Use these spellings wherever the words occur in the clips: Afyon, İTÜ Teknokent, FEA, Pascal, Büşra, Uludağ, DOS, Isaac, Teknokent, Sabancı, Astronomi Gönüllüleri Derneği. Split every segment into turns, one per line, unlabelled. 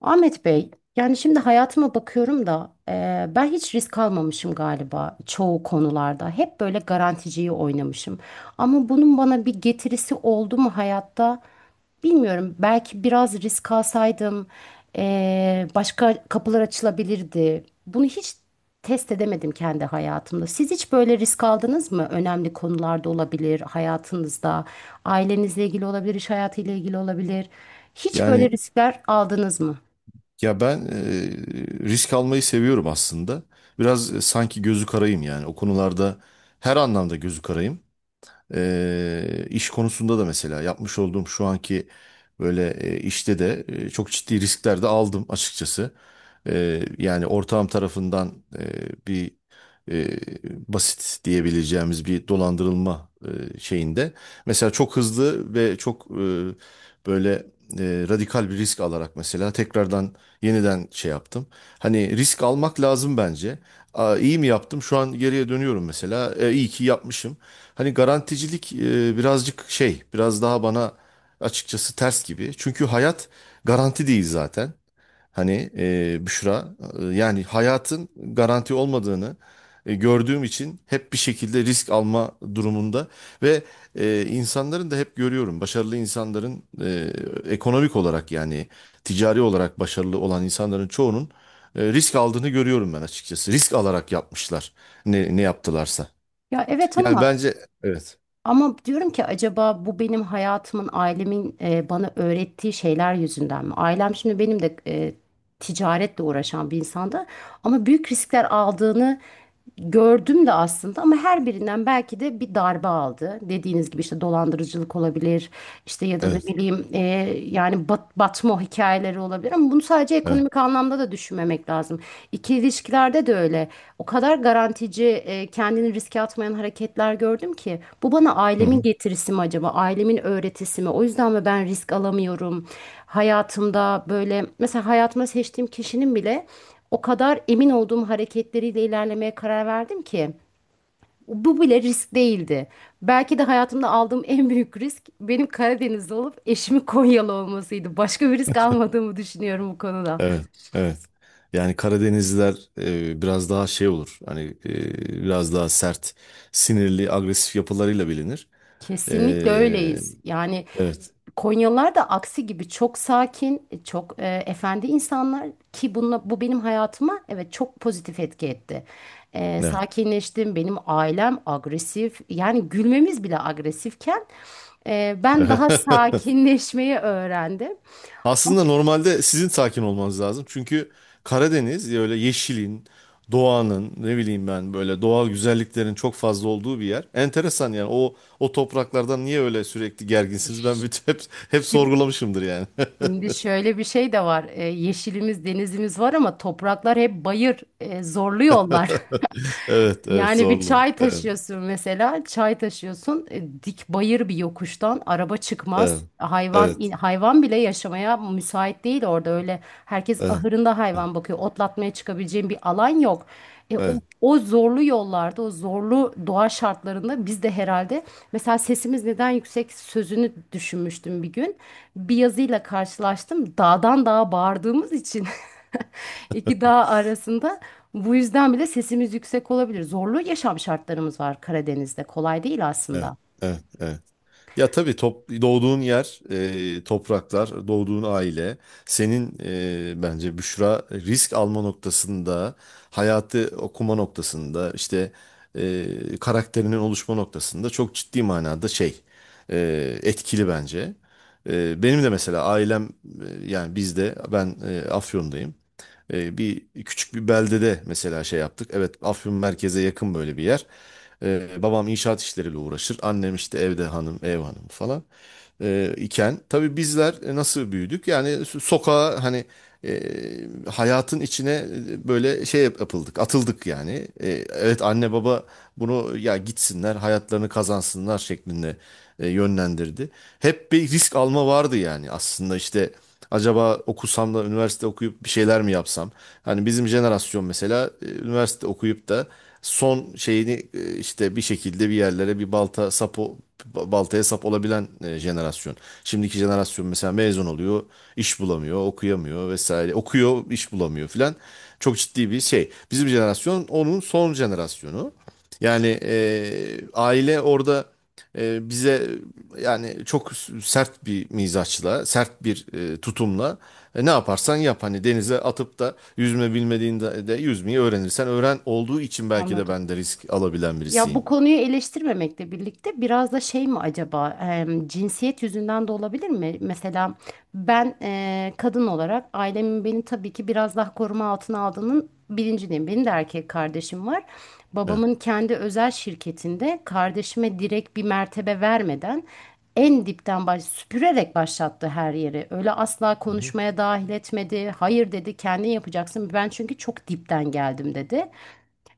Ahmet Bey, yani şimdi hayatıma bakıyorum da ben hiç risk almamışım galiba çoğu konularda. Hep böyle garanticiyi oynamışım. Ama bunun bana bir getirisi oldu mu hayatta? Bilmiyorum. Belki biraz risk alsaydım başka kapılar açılabilirdi. Bunu hiç test edemedim kendi hayatımda. Siz hiç böyle risk aldınız mı? Önemli konularda olabilir, hayatınızda, ailenizle ilgili olabilir, iş hayatıyla ilgili olabilir. Hiç böyle
Yani
riskler aldınız mı?
ya ben risk almayı seviyorum aslında. Biraz sanki gözü karayım yani. O konularda her anlamda gözü karayım. İş konusunda da mesela yapmış olduğum şu anki böyle işte de çok ciddi riskler de aldım açıkçası. Yani ortağım tarafından bir e, basit diyebileceğimiz bir dolandırılma şeyinde. Mesela çok hızlı ve çok böyle radikal bir risk alarak mesela tekrardan yeniden şey yaptım. Hani risk almak lazım bence. Aa, iyi mi yaptım? Şu an geriye dönüyorum mesela. İyi ki yapmışım. Hani garanticilik birazcık şey, biraz daha bana açıkçası ters gibi. Çünkü hayat garanti değil zaten. Hani Büşra yani hayatın garanti olmadığını gördüğüm için hep bir şekilde risk alma durumunda ve insanların da hep görüyorum başarılı insanların ekonomik olarak yani ticari olarak başarılı olan insanların çoğunun risk aldığını görüyorum ben açıkçası. Risk alarak yapmışlar ne yaptılarsa.
Ya, evet,
Yani
ama
bence, evet,
ama diyorum ki acaba bu benim hayatımın ailemin bana öğrettiği şeyler yüzünden mi? Ailem şimdi benim de ticaretle uğraşan bir insandı ama büyük riskler aldığını gördüm de aslında ama her birinden belki de bir darbe aldı. Dediğiniz gibi işte dolandırıcılık olabilir işte ya da ne
evet,
bileyim yani batma hikayeleri olabilir ama bunu sadece
evet.
ekonomik anlamda da düşünmemek lazım. İkili ilişkilerde de öyle. O kadar garantici, kendini riske atmayan hareketler gördüm ki bu bana
Hı
ailemin
hı.
getirisi mi acaba? Ailemin öğretisi mi? O yüzden mi ben risk alamıyorum? Hayatımda böyle mesela hayatıma seçtiğim kişinin bile o kadar emin olduğum hareketleriyle ilerlemeye karar verdim ki bu bile risk değildi. Belki de hayatımda aldığım en büyük risk benim Karadenizli olup eşimin Konyalı olmasıydı. Başka bir risk almadığımı düşünüyorum bu konuda.
Evet, evet. Yani Karadenizliler biraz daha şey olur. Hani biraz daha sert, sinirli, agresif yapılarıyla bilinir. E,
Kesinlikle öyleyiz. Yani
evet,
Konyalılar da aksi gibi çok sakin, çok efendi insanlar ki bununla, bu benim hayatıma evet çok pozitif etki etti.
evet.
Sakinleştim, benim ailem agresif yani gülmemiz bile agresifken ben daha sakinleşmeyi öğrendim.
Aslında normalde sizin sakin olmanız lazım. Çünkü Karadeniz öyle yeşilin, doğanın, ne bileyim ben böyle doğal güzelliklerin çok fazla olduğu bir yer. Enteresan yani o o topraklardan niye öyle sürekli gerginsiniz? Ben bütün hep hep
Şimdi
sorgulamışımdır yani.
şimdi şöyle bir şey de var. Yeşilimiz, denizimiz var ama topraklar hep bayır, zorlu yollar.
Evet, evet
Yani bir
zorlu.
çay
Evet.
taşıyorsun mesela, çay taşıyorsun, dik bayır bir yokuştan araba çıkmaz.
Evet. Evet.
Hayvan bile yaşamaya müsait değil orada öyle. Herkes
Evet.
ahırında
Evet.
hayvan bakıyor. Otlatmaya çıkabileceğin bir alan yok. E, o,
Evet.
o zorlu yollarda, o zorlu doğa şartlarında biz de herhalde mesela sesimiz neden yüksek sözünü düşünmüştüm bir gün. Bir yazıyla karşılaştım. Dağdan dağa bağırdığımız için iki
Evet.
dağ arasında bu yüzden bile sesimiz yüksek olabilir. Zorlu yaşam şartlarımız var Karadeniz'de. Kolay değil aslında.
Evet. Evet. Ya tabii top, doğduğun yer, topraklar, doğduğun aile, senin bence Büşra risk alma noktasında, hayatı okuma noktasında, işte e, karakterinin oluşma noktasında çok ciddi manada şey etkili bence. Benim de mesela ailem yani bizde ben Afyon'dayım. Bir küçük bir beldede mesela şey yaptık. Evet, Afyon merkeze yakın böyle bir yer. Babam inşaat işleriyle uğraşır. Annem işte evde hanım, ev hanımı falan iken tabii bizler nasıl büyüdük? Yani sokağa hani e, hayatın içine böyle şey yapıldık, atıldık yani. Evet, anne baba bunu ya gitsinler, hayatlarını kazansınlar şeklinde yönlendirdi. Hep bir risk alma vardı yani aslında işte acaba okusam da üniversite okuyup bir şeyler mi yapsam? Hani bizim jenerasyon mesela üniversite okuyup da son şeyini işte bir şekilde bir yerlere bir baltaya sap olabilen jenerasyon. Şimdiki jenerasyon mesela mezun oluyor, iş bulamıyor, okuyamıyor vesaire. Okuyor, iş bulamıyor filan. Çok ciddi bir şey. Bizim jenerasyon onun son jenerasyonu. Yani aile orada bize yani çok sert bir mizaçla, sert bir tutumla ne yaparsan yap hani denize atıp da yüzme bilmediğinde de yüzmeyi öğrenirsen öğren olduğu için belki de ben de risk alabilen
Ya
birisiyim.
bu konuyu eleştirmemekle birlikte biraz da şey mi acaba cinsiyet yüzünden de olabilir mi? Mesela ben kadın olarak ailemin beni tabii ki biraz daha koruma altına aldığının bilincindeyim. Benim de erkek kardeşim var.
Evet.
Babamın kendi özel şirketinde kardeşime direkt bir mertebe vermeden en dipten süpürerek başlattı her yeri. Öyle asla
Hı hı.
konuşmaya dahil etmedi. Hayır dedi kendin yapacaksın. Ben çünkü çok dipten geldim dedi.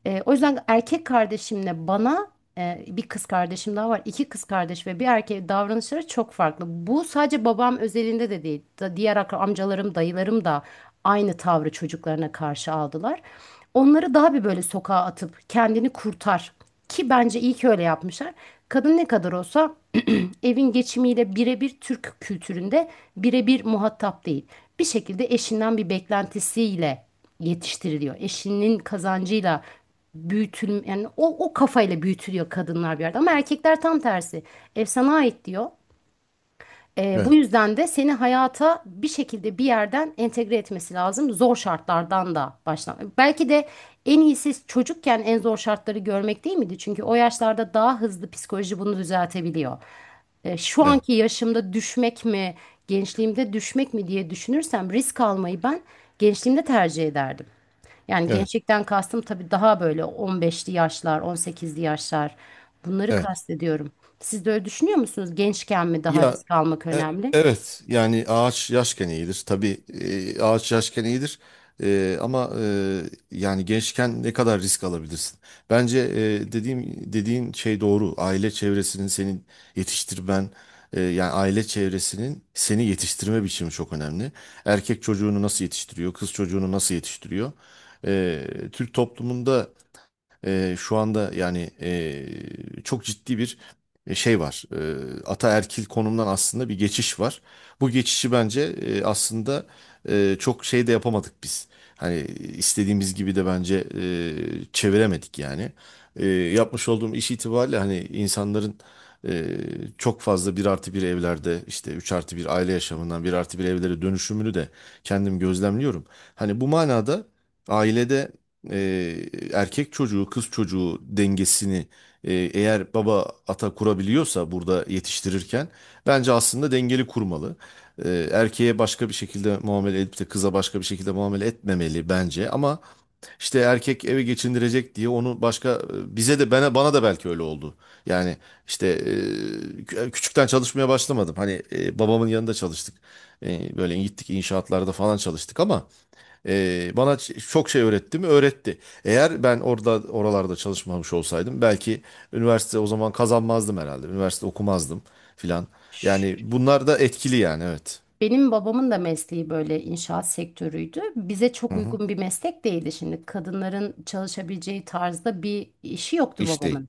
O yüzden erkek kardeşimle bana bir kız kardeşim daha var. İki kız kardeş ve bir erkeğe davranışları çok farklı. Bu sadece babam özelinde de değil. Amcalarım, dayılarım da aynı tavrı çocuklarına karşı aldılar. Onları daha bir böyle sokağa atıp kendini kurtar. Ki bence iyi ki öyle yapmışlar. Kadın ne kadar olsa evin geçimiyle birebir Türk kültüründe birebir muhatap değil. Bir şekilde eşinden bir beklentisiyle yetiştiriliyor. Eşinin kazancıyla büyütül yani o o kafayla büyütülüyor kadınlar bir yerde ama erkekler tam tersi. Ev sana ait diyor. Bu
Evet.
yüzden de seni hayata bir şekilde bir yerden entegre etmesi lazım. Zor şartlardan da başlan. Belki de en iyisi çocukken en zor şartları görmek değil miydi? Çünkü o yaşlarda daha hızlı psikoloji bunu düzeltebiliyor. Şu
Evet.
anki yaşımda düşmek mi, gençliğimde düşmek mi diye düşünürsem risk almayı ben gençliğimde tercih ederdim. Yani
Evet.
gençlikten kastım tabii daha böyle 15'li yaşlar, 18'li yaşlar. Bunları
Evet.
kastediyorum. Siz de öyle düşünüyor musunuz? Gençken mi daha
Ya
risk almak
e-
önemli?
evet, yani ağaç yaşken iyidir. Tabii ağaç yaşken iyidir. Ama yani gençken ne kadar risk alabilirsin? Bence dediğin şey doğru. Aile çevresinin senin yetiştirmen yani aile çevresinin seni yetiştirme biçimi çok önemli. Erkek çocuğunu nasıl yetiştiriyor? Kız çocuğunu nasıl yetiştiriyor? E, Türk toplumunda şu anda yani çok ciddi bir şey var. Ataerkil konumdan aslında bir geçiş var. Bu geçişi bence aslında çok şey de yapamadık biz. Hani istediğimiz gibi de bence çeviremedik yani. Eee, Yapmış olduğum iş itibariyle hani insanların eee, çok fazla bir artı bir evlerde işte 3 artı bir aile yaşamından bir artı bir evlere dönüşümünü de kendim gözlemliyorum. Hani bu manada ailede e, erkek çocuğu kız çocuğu dengesini eğer baba ata kurabiliyorsa burada yetiştirirken bence aslında dengeli kurmalı. Erkeğe başka bir şekilde muamele edip de kıza başka bir şekilde muamele etmemeli bence ama işte erkek eve geçindirecek diye onu başka bize de bana da belki öyle oldu. Yani işte küçükten çalışmaya başlamadım. Hani babamın yanında çalıştık. Böyle gittik inşaatlarda falan çalıştık ama bana çok şey öğretti mi? Öğretti. Eğer ben orada oralarda çalışmamış olsaydım belki üniversite o zaman kazanmazdım herhalde. Üniversite okumazdım filan. Yani
Ş-
bunlar da etkili yani evet.
Benim babamın da mesleği böyle inşaat sektörüydü. Bize
Hı
çok
hı.
uygun bir meslek değildi şimdi. Kadınların çalışabileceği tarzda bir işi yoktu
İş değil.
babamın.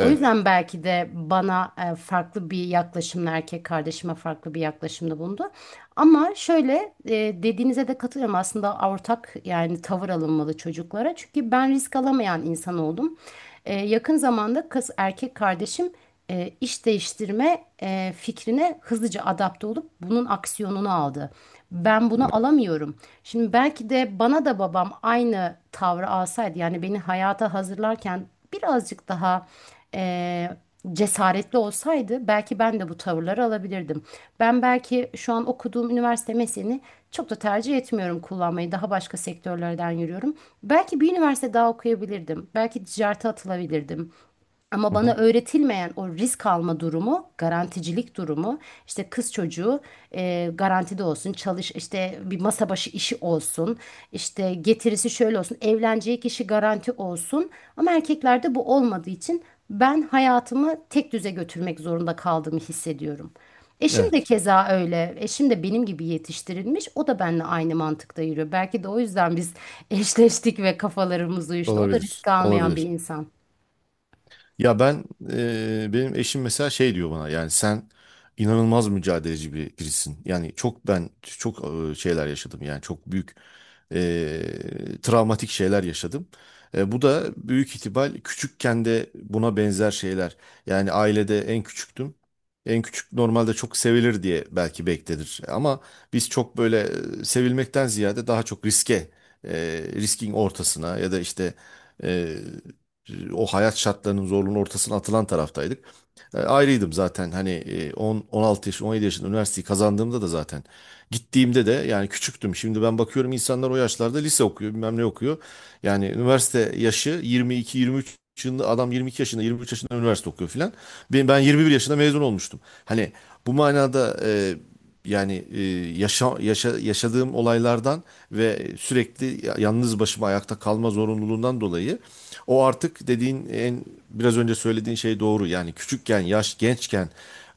O, evet, yüzden belki de bana farklı bir yaklaşımla erkek kardeşime farklı bir yaklaşımda bulundu. Ama şöyle dediğinize de katılıyorum aslında ortak yani tavır alınmalı çocuklara. Çünkü ben risk alamayan insan oldum. Yakın zamanda kız erkek kardeşim iş değiştirme fikrine hızlıca adapte olup bunun aksiyonunu aldı. Ben bunu alamıyorum. Şimdi belki de bana da babam aynı tavrı alsaydı yani beni hayata hazırlarken birazcık daha e, cesaretli olsaydı belki ben de bu tavırları alabilirdim. Ben belki şu an okuduğum üniversite mesleğini çok da tercih etmiyorum kullanmayı. Daha başka sektörlerden yürüyorum. Belki bir üniversite daha okuyabilirdim. Belki ticarete atılabilirdim. Ama
Hı
bana
hı.
öğretilmeyen o risk alma durumu, garanticilik durumu, işte kız çocuğu garantide olsun, çalış işte bir masa başı işi olsun, işte getirisi şöyle olsun, evleneceği kişi garanti olsun. Ama erkeklerde bu olmadığı için ben hayatımı tek düze götürmek zorunda kaldığımı hissediyorum. Eşim de
Evet.
keza öyle. Eşim de benim gibi yetiştirilmiş. O da benimle aynı mantıkta yürüyor. Belki de o yüzden biz eşleştik ve kafalarımız uyuştu. O da
Olabilir.
risk almayan bir
Olabilir.
insan.
Ya ben benim eşim mesela şey diyor bana yani sen inanılmaz mücadeleci birisin. Yani çok ben çok şeyler yaşadım yani çok büyük travmatik şeyler yaşadım. Bu da büyük ihtimal küçükken de buna benzer şeyler. Yani ailede en küçüktüm. En küçük normalde çok sevilir diye belki beklenir. Ama biz çok böyle sevilmekten ziyade daha çok riske, riskin ortasına ya da işte o hayat şartlarının zorluğunun ortasına atılan taraftaydık. Ayrıydım zaten hani 10 16 yaş 17 yaşında üniversiteyi kazandığımda da zaten gittiğimde de yani küçüktüm. Şimdi ben bakıyorum, insanlar o yaşlarda lise okuyor, bilmem ne okuyor. Yani üniversite yaşı 22 23 yaşında, adam 22 yaşında, 23 yaşında üniversite okuyor filan. Ben 21 yaşında mezun olmuştum. Hani bu manada yani yaşadığım olaylardan ve sürekli yalnız başıma ayakta kalma zorunluluğundan dolayı o artık dediğin, en biraz önce söylediğin şey doğru. Yani küçükken, yaş gençken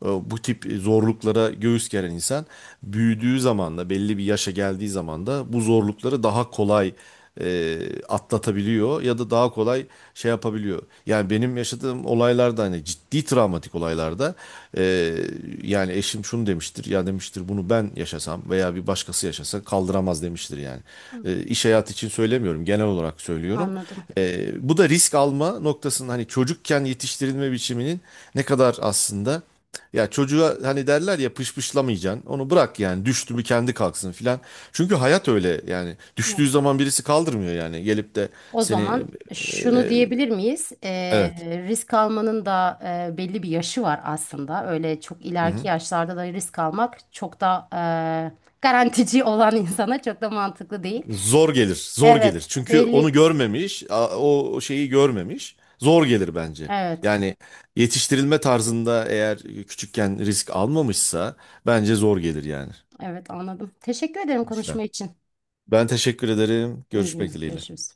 bu tip zorluklara göğüs geren insan büyüdüğü zaman da belli bir yaşa geldiği zaman da bu zorlukları daha kolay e, atlatabiliyor ya da daha kolay şey yapabiliyor. Yani benim yaşadığım olaylarda hani ciddi travmatik olaylarda e, yani eşim şunu demiştir, ya demiştir bunu ben yaşasam veya bir başkası yaşasa kaldıramaz demiştir yani.
Hı.
İş hayatı için söylemiyorum, genel olarak söylüyorum.
Anladım.
Bu da risk alma noktasının hani çocukken yetiştirilme biçiminin ne kadar aslında, ya çocuğa hani derler ya, pışpışlamayacaksın onu bırak yani, düştü mü kendi kalksın filan. Çünkü hayat öyle yani, düştüğü zaman birisi kaldırmıyor yani, gelip de
O
seni
zaman
e,
şunu
e,
diyebilir miyiz?
evet.
Risk almanın da belli bir yaşı var aslında. Öyle çok
Hı
ileriki
hı.
yaşlarda da risk almak çok da garantici olan insana çok da mantıklı değil.
Zor gelir, zor gelir.
Evet,
Çünkü onu
belli.
görmemiş, o o şeyi görmemiş. Zor gelir bence.
Evet.
Yani yetiştirilme tarzında eğer küçükken risk almamışsa bence zor gelir yani.
Evet, anladım. Teşekkür ederim konuşma
Büşra.
için.
Ben teşekkür ederim.
İyi
Görüşmek
günler.
dileğiyle.
Görüşürüz.